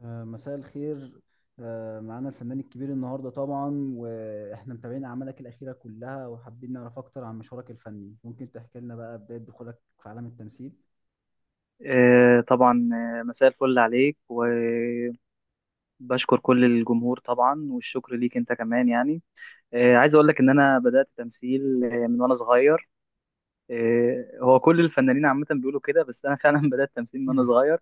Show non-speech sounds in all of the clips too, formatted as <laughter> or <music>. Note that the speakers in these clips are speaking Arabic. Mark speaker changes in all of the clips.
Speaker 1: مساء الخير. معانا الفنان الكبير النهارده طبعا، واحنا متابعين اعمالك الاخيره كلها، وحابين نعرف اكتر عن مشوارك الفني. ممكن تحكي لنا بقى بدايه دخولك في عالم التمثيل؟
Speaker 2: طبعا. مساء الفل عليك، وبشكر كل الجمهور طبعا، والشكر ليك انت كمان. يعني عايز اقول لك ان انا بدأت تمثيل من وانا صغير. هو كل الفنانين عامة بيقولوا كده، بس انا فعلا <laughs> بدأت تمثيل من وانا
Speaker 1: <laughs>
Speaker 2: صغير.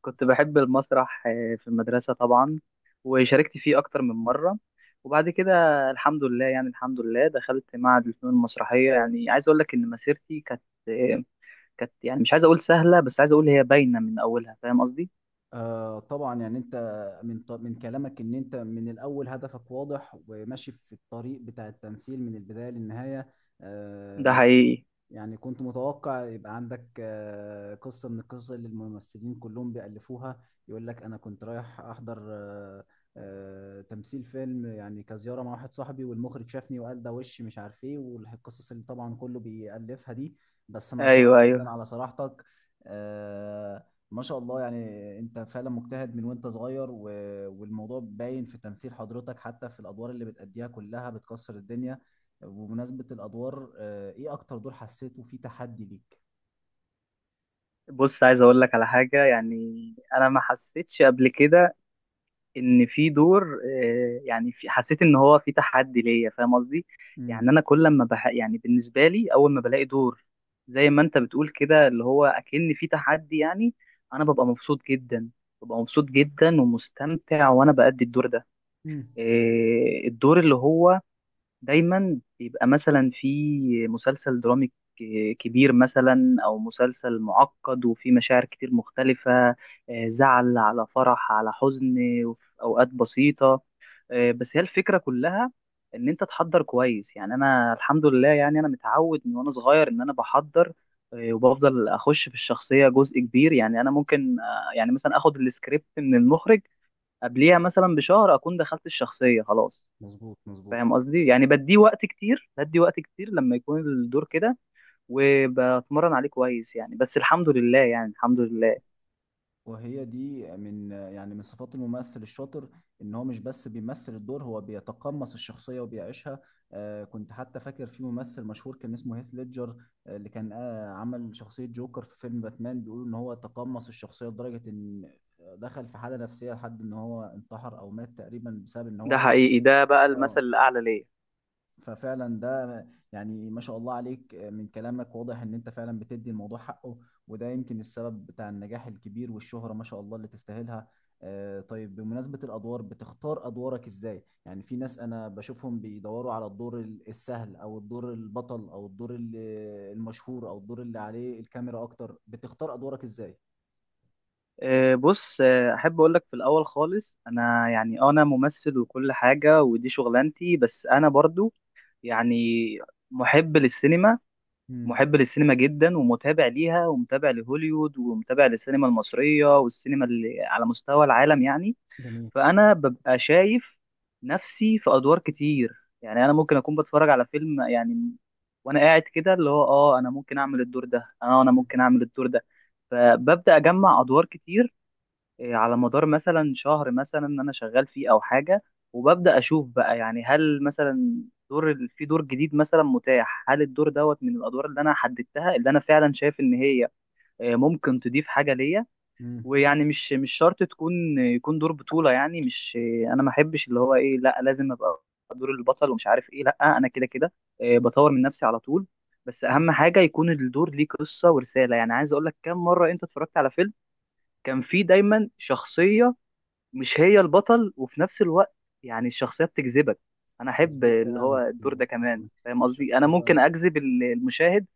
Speaker 2: كنت بحب المسرح في المدرسة طبعا، وشاركت فيه اكتر من مرة. وبعد كده الحمد لله، يعني الحمد لله دخلت معهد الفنون المسرحية. يعني عايز اقول لك ان مسيرتي كانت، آه، كانت يعني مش عايز اقول سهلة، بس عايز اقول هي باينة من اولها، فاهم قصدي.
Speaker 1: طبعا، يعني انت من كلامك ان انت من الاول هدفك واضح وماشي في الطريق بتاع التمثيل من البدايه للنهايه.
Speaker 2: ده
Speaker 1: آه
Speaker 2: حقيقي.
Speaker 1: يعني كنت متوقع يبقى عندك قصة من القصص اللي الممثلين كلهم بيألفوها، يقول لك أنا كنت رايح أحضر تمثيل فيلم، يعني كزيارة مع واحد صاحبي، والمخرج شافني وقال ده وش مش عارف إيه، والقصص اللي طبعا كله بيألفها دي. بس أنا أشكرك
Speaker 2: ايوه
Speaker 1: جدا
Speaker 2: ايوه.
Speaker 1: على صراحتك. آه، ما شاء الله، يعني أنت فعلا مجتهد من وأنت صغير، والموضوع باين في تمثيل حضرتك حتى في الأدوار اللي بتأديها كلها بتكسر الدنيا. بمناسبة الأدوار، إيه أكتر دور حسيته فيه تحدي ليك؟
Speaker 2: بص، عايز اقول لك على حاجه. يعني انا ما حسيتش قبل كده ان في دور يعني حسيت ان هو في تحدي ليا، فاهم قصدي.
Speaker 1: امم.
Speaker 2: يعني انا كل ما بح، يعني بالنسبه لي اول ما بلاقي دور زي ما انت بتقول كده، اللي هو اكن في تحدي، يعني انا ببقى مبسوط جدا. ببقى مبسوط جدا ومستمتع وانا بأدي الدور ده.
Speaker 1: امم.
Speaker 2: الدور اللي هو دايما بيبقى مثلا في مسلسل درامي كبير مثلا، او مسلسل معقد وفي مشاعر كتير مختلفة، زعل على فرح على حزن، وفي اوقات بسيطة. بس هي الفكرة كلها ان انت تحضر كويس. يعني انا الحمد لله، يعني انا متعود من وانا صغير ان انا بحضر، وبفضل اخش في الشخصية جزء كبير. يعني انا ممكن يعني مثلا اخد السكريبت من المخرج، قبليها مثلا بشهر اكون دخلت الشخصية خلاص،
Speaker 1: مظبوط، مظبوط.
Speaker 2: فاهم قصدي. يعني بديه وقت كتير، بدي وقت كتير لما يكون الدور كده وبتمرن عليه كويس. يعني بس الحمد لله، يعني الحمد لله.
Speaker 1: وهي دي من، يعني من صفات الممثل الشاطر، ان هو مش بس بيمثل الدور، هو بيتقمص الشخصيه وبيعيشها. كنت حتى فاكر في ممثل مشهور كان اسمه هيث ليدجر، اللي كان عمل شخصيه جوكر في فيلم باتمان. بيقولوا ان هو تقمص الشخصيه لدرجه ان دخل في حاله نفسيه لحد ان هو انتحر او مات تقريبا بسبب ان
Speaker 2: ده
Speaker 1: هو...
Speaker 2: حقيقي، ده بقى
Speaker 1: اه
Speaker 2: المثل الأعلى ليا.
Speaker 1: ففعلا ده يعني ما شاء الله عليك، من كلامك واضح ان انت فعلا بتدي الموضوع حقه، وده يمكن السبب بتاع النجاح الكبير والشهرة ما شاء الله اللي تستاهلها. طيب، بمناسبة الأدوار، بتختار أدوارك إزاي؟ يعني في ناس أنا بشوفهم بيدوروا على الدور السهل، أو الدور البطل، أو الدور المشهور، أو الدور اللي عليه الكاميرا أكتر. بتختار أدوارك إزاي؟
Speaker 2: بص، أحب أقول لك في الأول خالص، أنا يعني أنا ممثل وكل حاجة، ودي شغلانتي. بس أنا برضو يعني محب للسينما.
Speaker 1: امم.
Speaker 2: محب للسينما جدا، ومتابع ليها، ومتابع لهوليوود، ومتابع للسينما المصرية والسينما اللي على مستوى العالم. يعني
Speaker 1: جميل.
Speaker 2: فانا ببقى شايف نفسي في ادوار كتير. يعني انا ممكن اكون بتفرج على فيلم، يعني وانا قاعد كده اللي هو اه انا ممكن اعمل الدور ده، اه انا ممكن اعمل الدور ده. فببدا اجمع ادوار كتير على مدار مثلا شهر مثلا ان انا شغال فيه او حاجه. وببدا اشوف بقى، يعني هل مثلا دور جديد مثلا متاح، هل الدور دوت من الادوار اللي انا حددتها، اللي انا فعلا شايف ان هي ممكن تضيف حاجه ليا.
Speaker 1: مم.
Speaker 2: ويعني مش شرط يكون دور بطولة، يعني مش انا ما احبش اللي هو ايه لا لازم ابقى دور البطل ومش عارف ايه. لا، انا كده كده بطور من نفسي على طول. بس
Speaker 1: مم.
Speaker 2: اهم حاجة يكون الدور ليه قصة ورسالة. يعني عايز اقول لك، كم مرة انت اتفرجت على فيلم كان فيه دايما شخصية مش هي البطل، وفي نفس الوقت يعني الشخصية بتجذبك؟ انا احب
Speaker 1: مظبوط
Speaker 2: اللي هو
Speaker 1: كلامك،
Speaker 2: الدور ده
Speaker 1: مظبوط
Speaker 2: كمان،
Speaker 1: كلامك.
Speaker 2: فاهم قصدي. انا
Speaker 1: الشخصية.
Speaker 2: ممكن اجذب المشاهد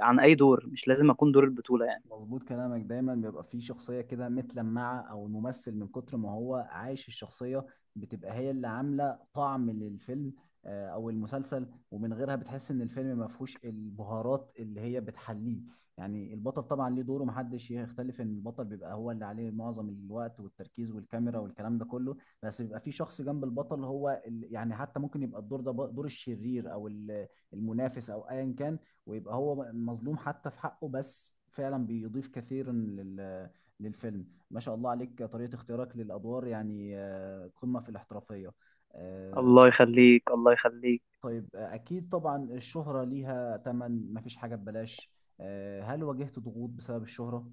Speaker 2: عن اي دور، مش لازم اكون دور البطولة يعني.
Speaker 1: مظبوط كلامك، دايما بيبقى فيه شخصية كده متلمعة، أو الممثل من كتر ما هو عايش الشخصية بتبقى هي اللي عاملة طعم للفيلم أو المسلسل. ومن غيرها بتحس إن الفيلم ما فيهوش البهارات اللي هي بتحليه. يعني البطل طبعا ليه دوره، محدش يختلف إن البطل بيبقى هو اللي عليه معظم الوقت والتركيز والكاميرا والكلام ده كله. بس بيبقى فيه شخص جنب البطل هو يعني حتى ممكن يبقى الدور ده دور الشرير، أو المنافس، أو أيا كان. ويبقى هو مظلوم حتى في حقه، بس فعلا بيضيف كثيرا للفيلم. ما شاء الله عليك طريقة اختيارك للأدوار، يعني قمة في الاحترافية. آه،
Speaker 2: الله يخليك، الله يخليك.
Speaker 1: طيب، أكيد طبعا الشهرة ليها تمن، مفيش حاجة ببلاش. هل واجهت ضغوط بسبب الشهرة؟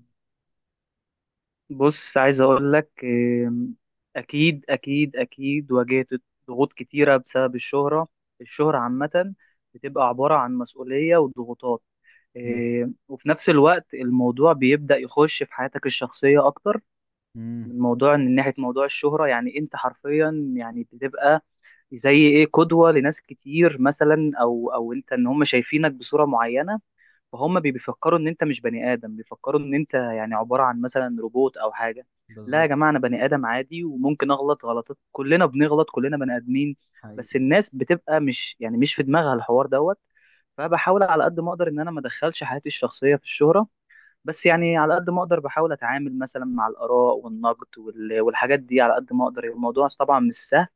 Speaker 2: بص، عايز اقول لك، اكيد اكيد اكيد واجهت ضغوط كتيره بسبب الشهره. الشهره عامه بتبقى عباره عن مسؤوليه وضغوطات.
Speaker 1: مم.
Speaker 2: وفي نفس الوقت الموضوع بيبدا يخش في حياتك الشخصيه اكتر، من
Speaker 1: مم.
Speaker 2: موضوع ناحيه موضوع الشهره. يعني انت حرفيا يعني بتبقى زي ايه قدوه لناس كتير مثلا، او انت ان هم شايفينك بصوره معينه. فهم بيفكروا ان انت مش بني ادم، بيفكروا ان انت يعني عباره عن مثلا روبوت او حاجه. لا يا
Speaker 1: بالظبط.
Speaker 2: جماعه، انا بني ادم عادي وممكن اغلط غلطات، كلنا بنغلط، كلنا بني ادمين. بس
Speaker 1: حقيقي.
Speaker 2: الناس بتبقى مش، يعني مش في دماغها الحوار دوت. فبحاول على قد ما اقدر ان انا ما ادخلش حياتي الشخصيه في الشهره. بس يعني على قد ما اقدر بحاول اتعامل مثلا مع الاراء والنقد والحاجات دي على قد ما اقدر. الموضوع طبعا مش سهل،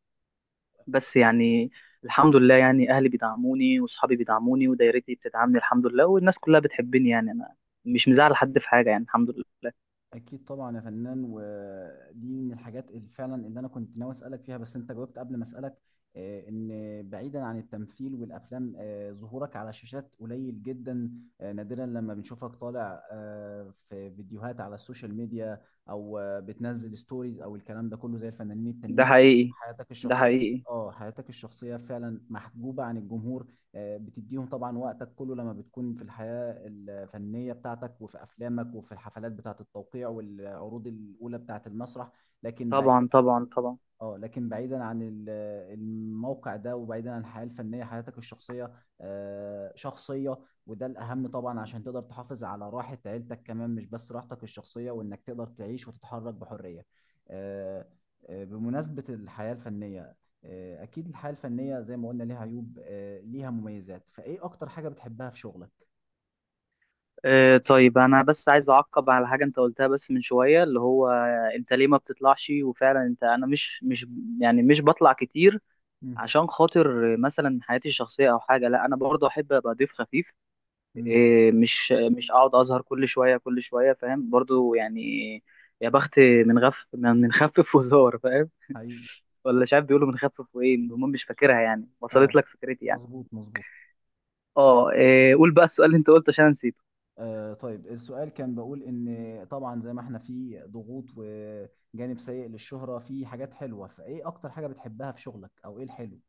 Speaker 2: بس يعني الحمد لله. يعني أهلي بيدعموني، وأصحابي بيدعموني، ودايرتي بتدعمني، الحمد لله. والناس كلها بتحبني، يعني أنا مش مزعل حد في حاجة يعني، الحمد لله.
Speaker 1: اكيد طبعا يا فنان، ودي من الحاجات اللي فعلا اللي انا كنت ناوي اسالك فيها، بس انت جاوبت قبل ما اسالك. ان بعيدا عن التمثيل والافلام، ظهورك على شاشات قليل جدا. نادرا لما بنشوفك طالع في فيديوهات على السوشيال ميديا، او بتنزل ستوريز او الكلام ده كله زي الفنانين
Speaker 2: ده
Speaker 1: التانيين.
Speaker 2: حقيقي. ده حقيقي.
Speaker 1: حياتك الشخصيه فعلا محجوبه عن الجمهور. بتديهم طبعا وقتك كله لما بتكون في الحياة الفنية بتاعتك، وفي أفلامك، وفي الحفلات بتاعة التوقيع والعروض الأولى بتاعة المسرح. لكن بعيدا،
Speaker 2: طبعا طبعا طبعا.
Speaker 1: اه لكن بعيدا عن الموقع ده، وبعيدا عن الحياة الفنية حياتك الشخصية شخصية. وده الأهم طبعا عشان تقدر تحافظ على راحة عيلتك كمان، مش بس راحتك الشخصية، وإنك تقدر تعيش وتتحرك بحرية. آه، بمناسبة الحياة الفنية، أكيد الحياة الفنية زي ما قلنا ليها عيوب، ليها مميزات. فإيه أكتر حاجة بتحبها في شغلك؟
Speaker 2: آه طيب، أنا بس عايز أعقب على حاجة أنت قلتها بس من شوية، اللي هو أنت ليه ما بتطلعش. وفعلا أنت أنا مش يعني مش بطلع كتير
Speaker 1: مم.
Speaker 2: عشان خاطر مثلا حياتي الشخصية أو حاجة. لا، أنا برضه أحب أبقى ضيف خفيف،
Speaker 1: مم.
Speaker 2: مش اقعد اظهر كل شويه كل شويه، فاهم برضو. يعني يا بخت من غف، من خفف وزار، فاهم؟
Speaker 1: حقيقي.
Speaker 2: ولا مش عارف، بيقولوا من خفف وايه، المهم مش فاكرها. يعني وصلت
Speaker 1: اه.
Speaker 2: لك فكرتي يعني.
Speaker 1: مظبوط، مظبوط.
Speaker 2: اه. قول بقى السؤال اللي انت قلته، عشان أنا نسيت.
Speaker 1: طيب، السؤال كان بقول إن طبعا زي ما احنا في ضغوط وجانب سيء للشهرة، في حاجات حلوة، فإيه أكتر حاجة بتحبها في شغلك، أو إيه الحلو؟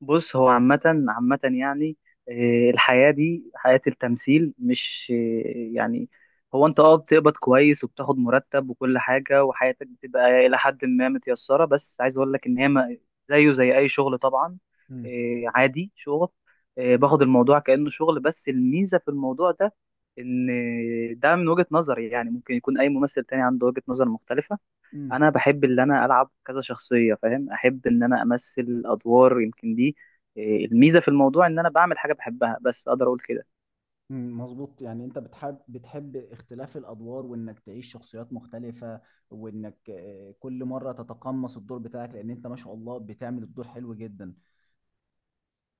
Speaker 2: بص هو عامة. عامة يعني الحياة دي حياة التمثيل مش يعني هو انت اه بتقبض كويس، وبتاخد مرتب وكل حاجة، وحياتك بتبقى إلى حد ما متيسرة. بس عايز أقول لك إن هي زيه زي أي شغل طبعا.
Speaker 1: مم.
Speaker 2: عادي شغل، باخد الموضوع كأنه شغل. بس الميزة في الموضوع ده، إن ده من وجهة نظري، يعني ممكن يكون أي ممثل تاني عنده وجهة نظر مختلفة.
Speaker 1: مم.
Speaker 2: انا بحب ان انا العب كذا شخصيه، فاهم، احب ان انا امثل ادوار يمكن دي الميزه في الموضوع، ان انا بعمل حاجه بحبها، بس اقدر اقول كده.
Speaker 1: مم، مظبوط، يعني انت بتحب، بتحب اختلاف الادوار وانك تعيش شخصيات مختلفه، وانك كل مره تتقمص الدور بتاعك، لان انت ما شاء الله بتعمل الدور حلو جدا.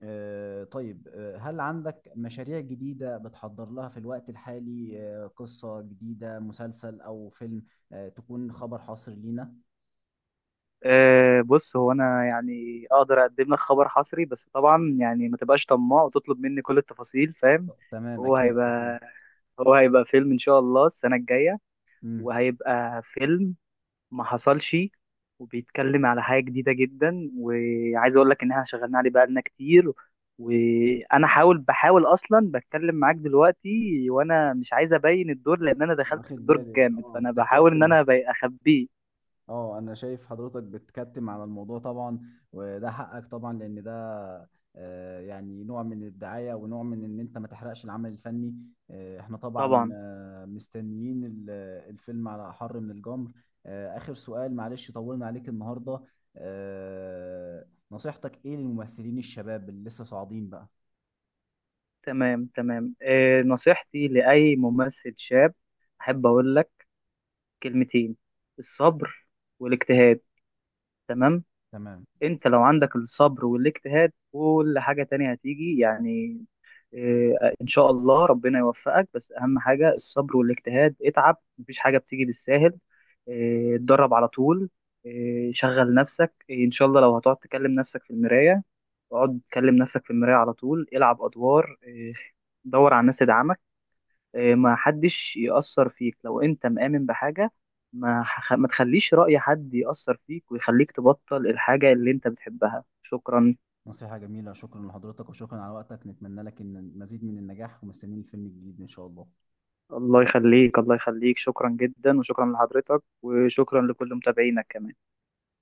Speaker 1: طيب، هل عندك مشاريع جديدة بتحضر لها في الوقت الحالي؟ قصة جديدة، مسلسل أو فيلم، تكون خبر حاصر لينا؟
Speaker 2: أه بص، هو انا يعني اقدر اقدم لك خبر حصري، بس طبعا يعني ما تبقاش طماع وتطلب مني كل التفاصيل، فاهم.
Speaker 1: تمام،
Speaker 2: هو
Speaker 1: أكيد، أكيد.
Speaker 2: هيبقى هو هيبقى فيلم ان شاء الله السنه الجايه.
Speaker 1: مم.
Speaker 2: وهيبقى فيلم ما حصلش، وبيتكلم على حاجة جديدة جدا. وعايز اقول لك ان احنا شغالين عليه بقالنا كتير. وانا بحاول اصلا بتكلم معاك دلوقتي، وانا مش عايز ابين الدور، لان انا دخلت في
Speaker 1: واخد
Speaker 2: الدور
Speaker 1: بالي،
Speaker 2: جامد، فانا بحاول ان
Speaker 1: متكتل.
Speaker 2: انا اخبيه.
Speaker 1: اه انا شايف حضرتك بتكتم على الموضوع طبعا، وده حقك طبعا، لان ده يعني نوع من الدعاية ونوع من ان انت ما تحرقش العمل الفني. احنا طبعا
Speaker 2: طبعا.
Speaker 1: مستنيين الفيلم على احر من الجمر. اخر سؤال، معلش طولنا عليك النهاردة. نصيحتك ايه للممثلين الشباب اللي لسه صاعدين بقى؟
Speaker 2: تمام تمام. نصيحتي لاي ممثل شاب، احب اقول لك كلمتين: الصبر والاجتهاد. تمام.
Speaker 1: تمام.
Speaker 2: انت لو عندك الصبر والاجتهاد، كل حاجة تانية هتيجي يعني. إيه، ان شاء الله ربنا يوفقك. بس اهم حاجه الصبر والاجتهاد، اتعب، مفيش حاجه بتيجي بالساهل. اتدرب على طول، شغل نفسك. ان شاء الله لو هتقعد تكلم نفسك في المرايه، اقعد تكلم نفسك في المرايه على طول، العب ادوار. دور على الناس تدعمك. ما حدش يأثر فيك لو انت مآمن بحاجه، ما تخليش رأي حد يأثر فيك ويخليك تبطل الحاجه اللي انت بتحبها. شكرا.
Speaker 1: نصيحة جميلة، شكرا لحضرتك وشكرا على وقتك. نتمنى لك ان مزيد من النجاح، ومستنيين الفيلم الجديد ان شاء الله.
Speaker 2: الله يخليك، الله يخليك، شكرا جدا، وشكرا لحضرتك، وشكرا لكل متابعينك كمان.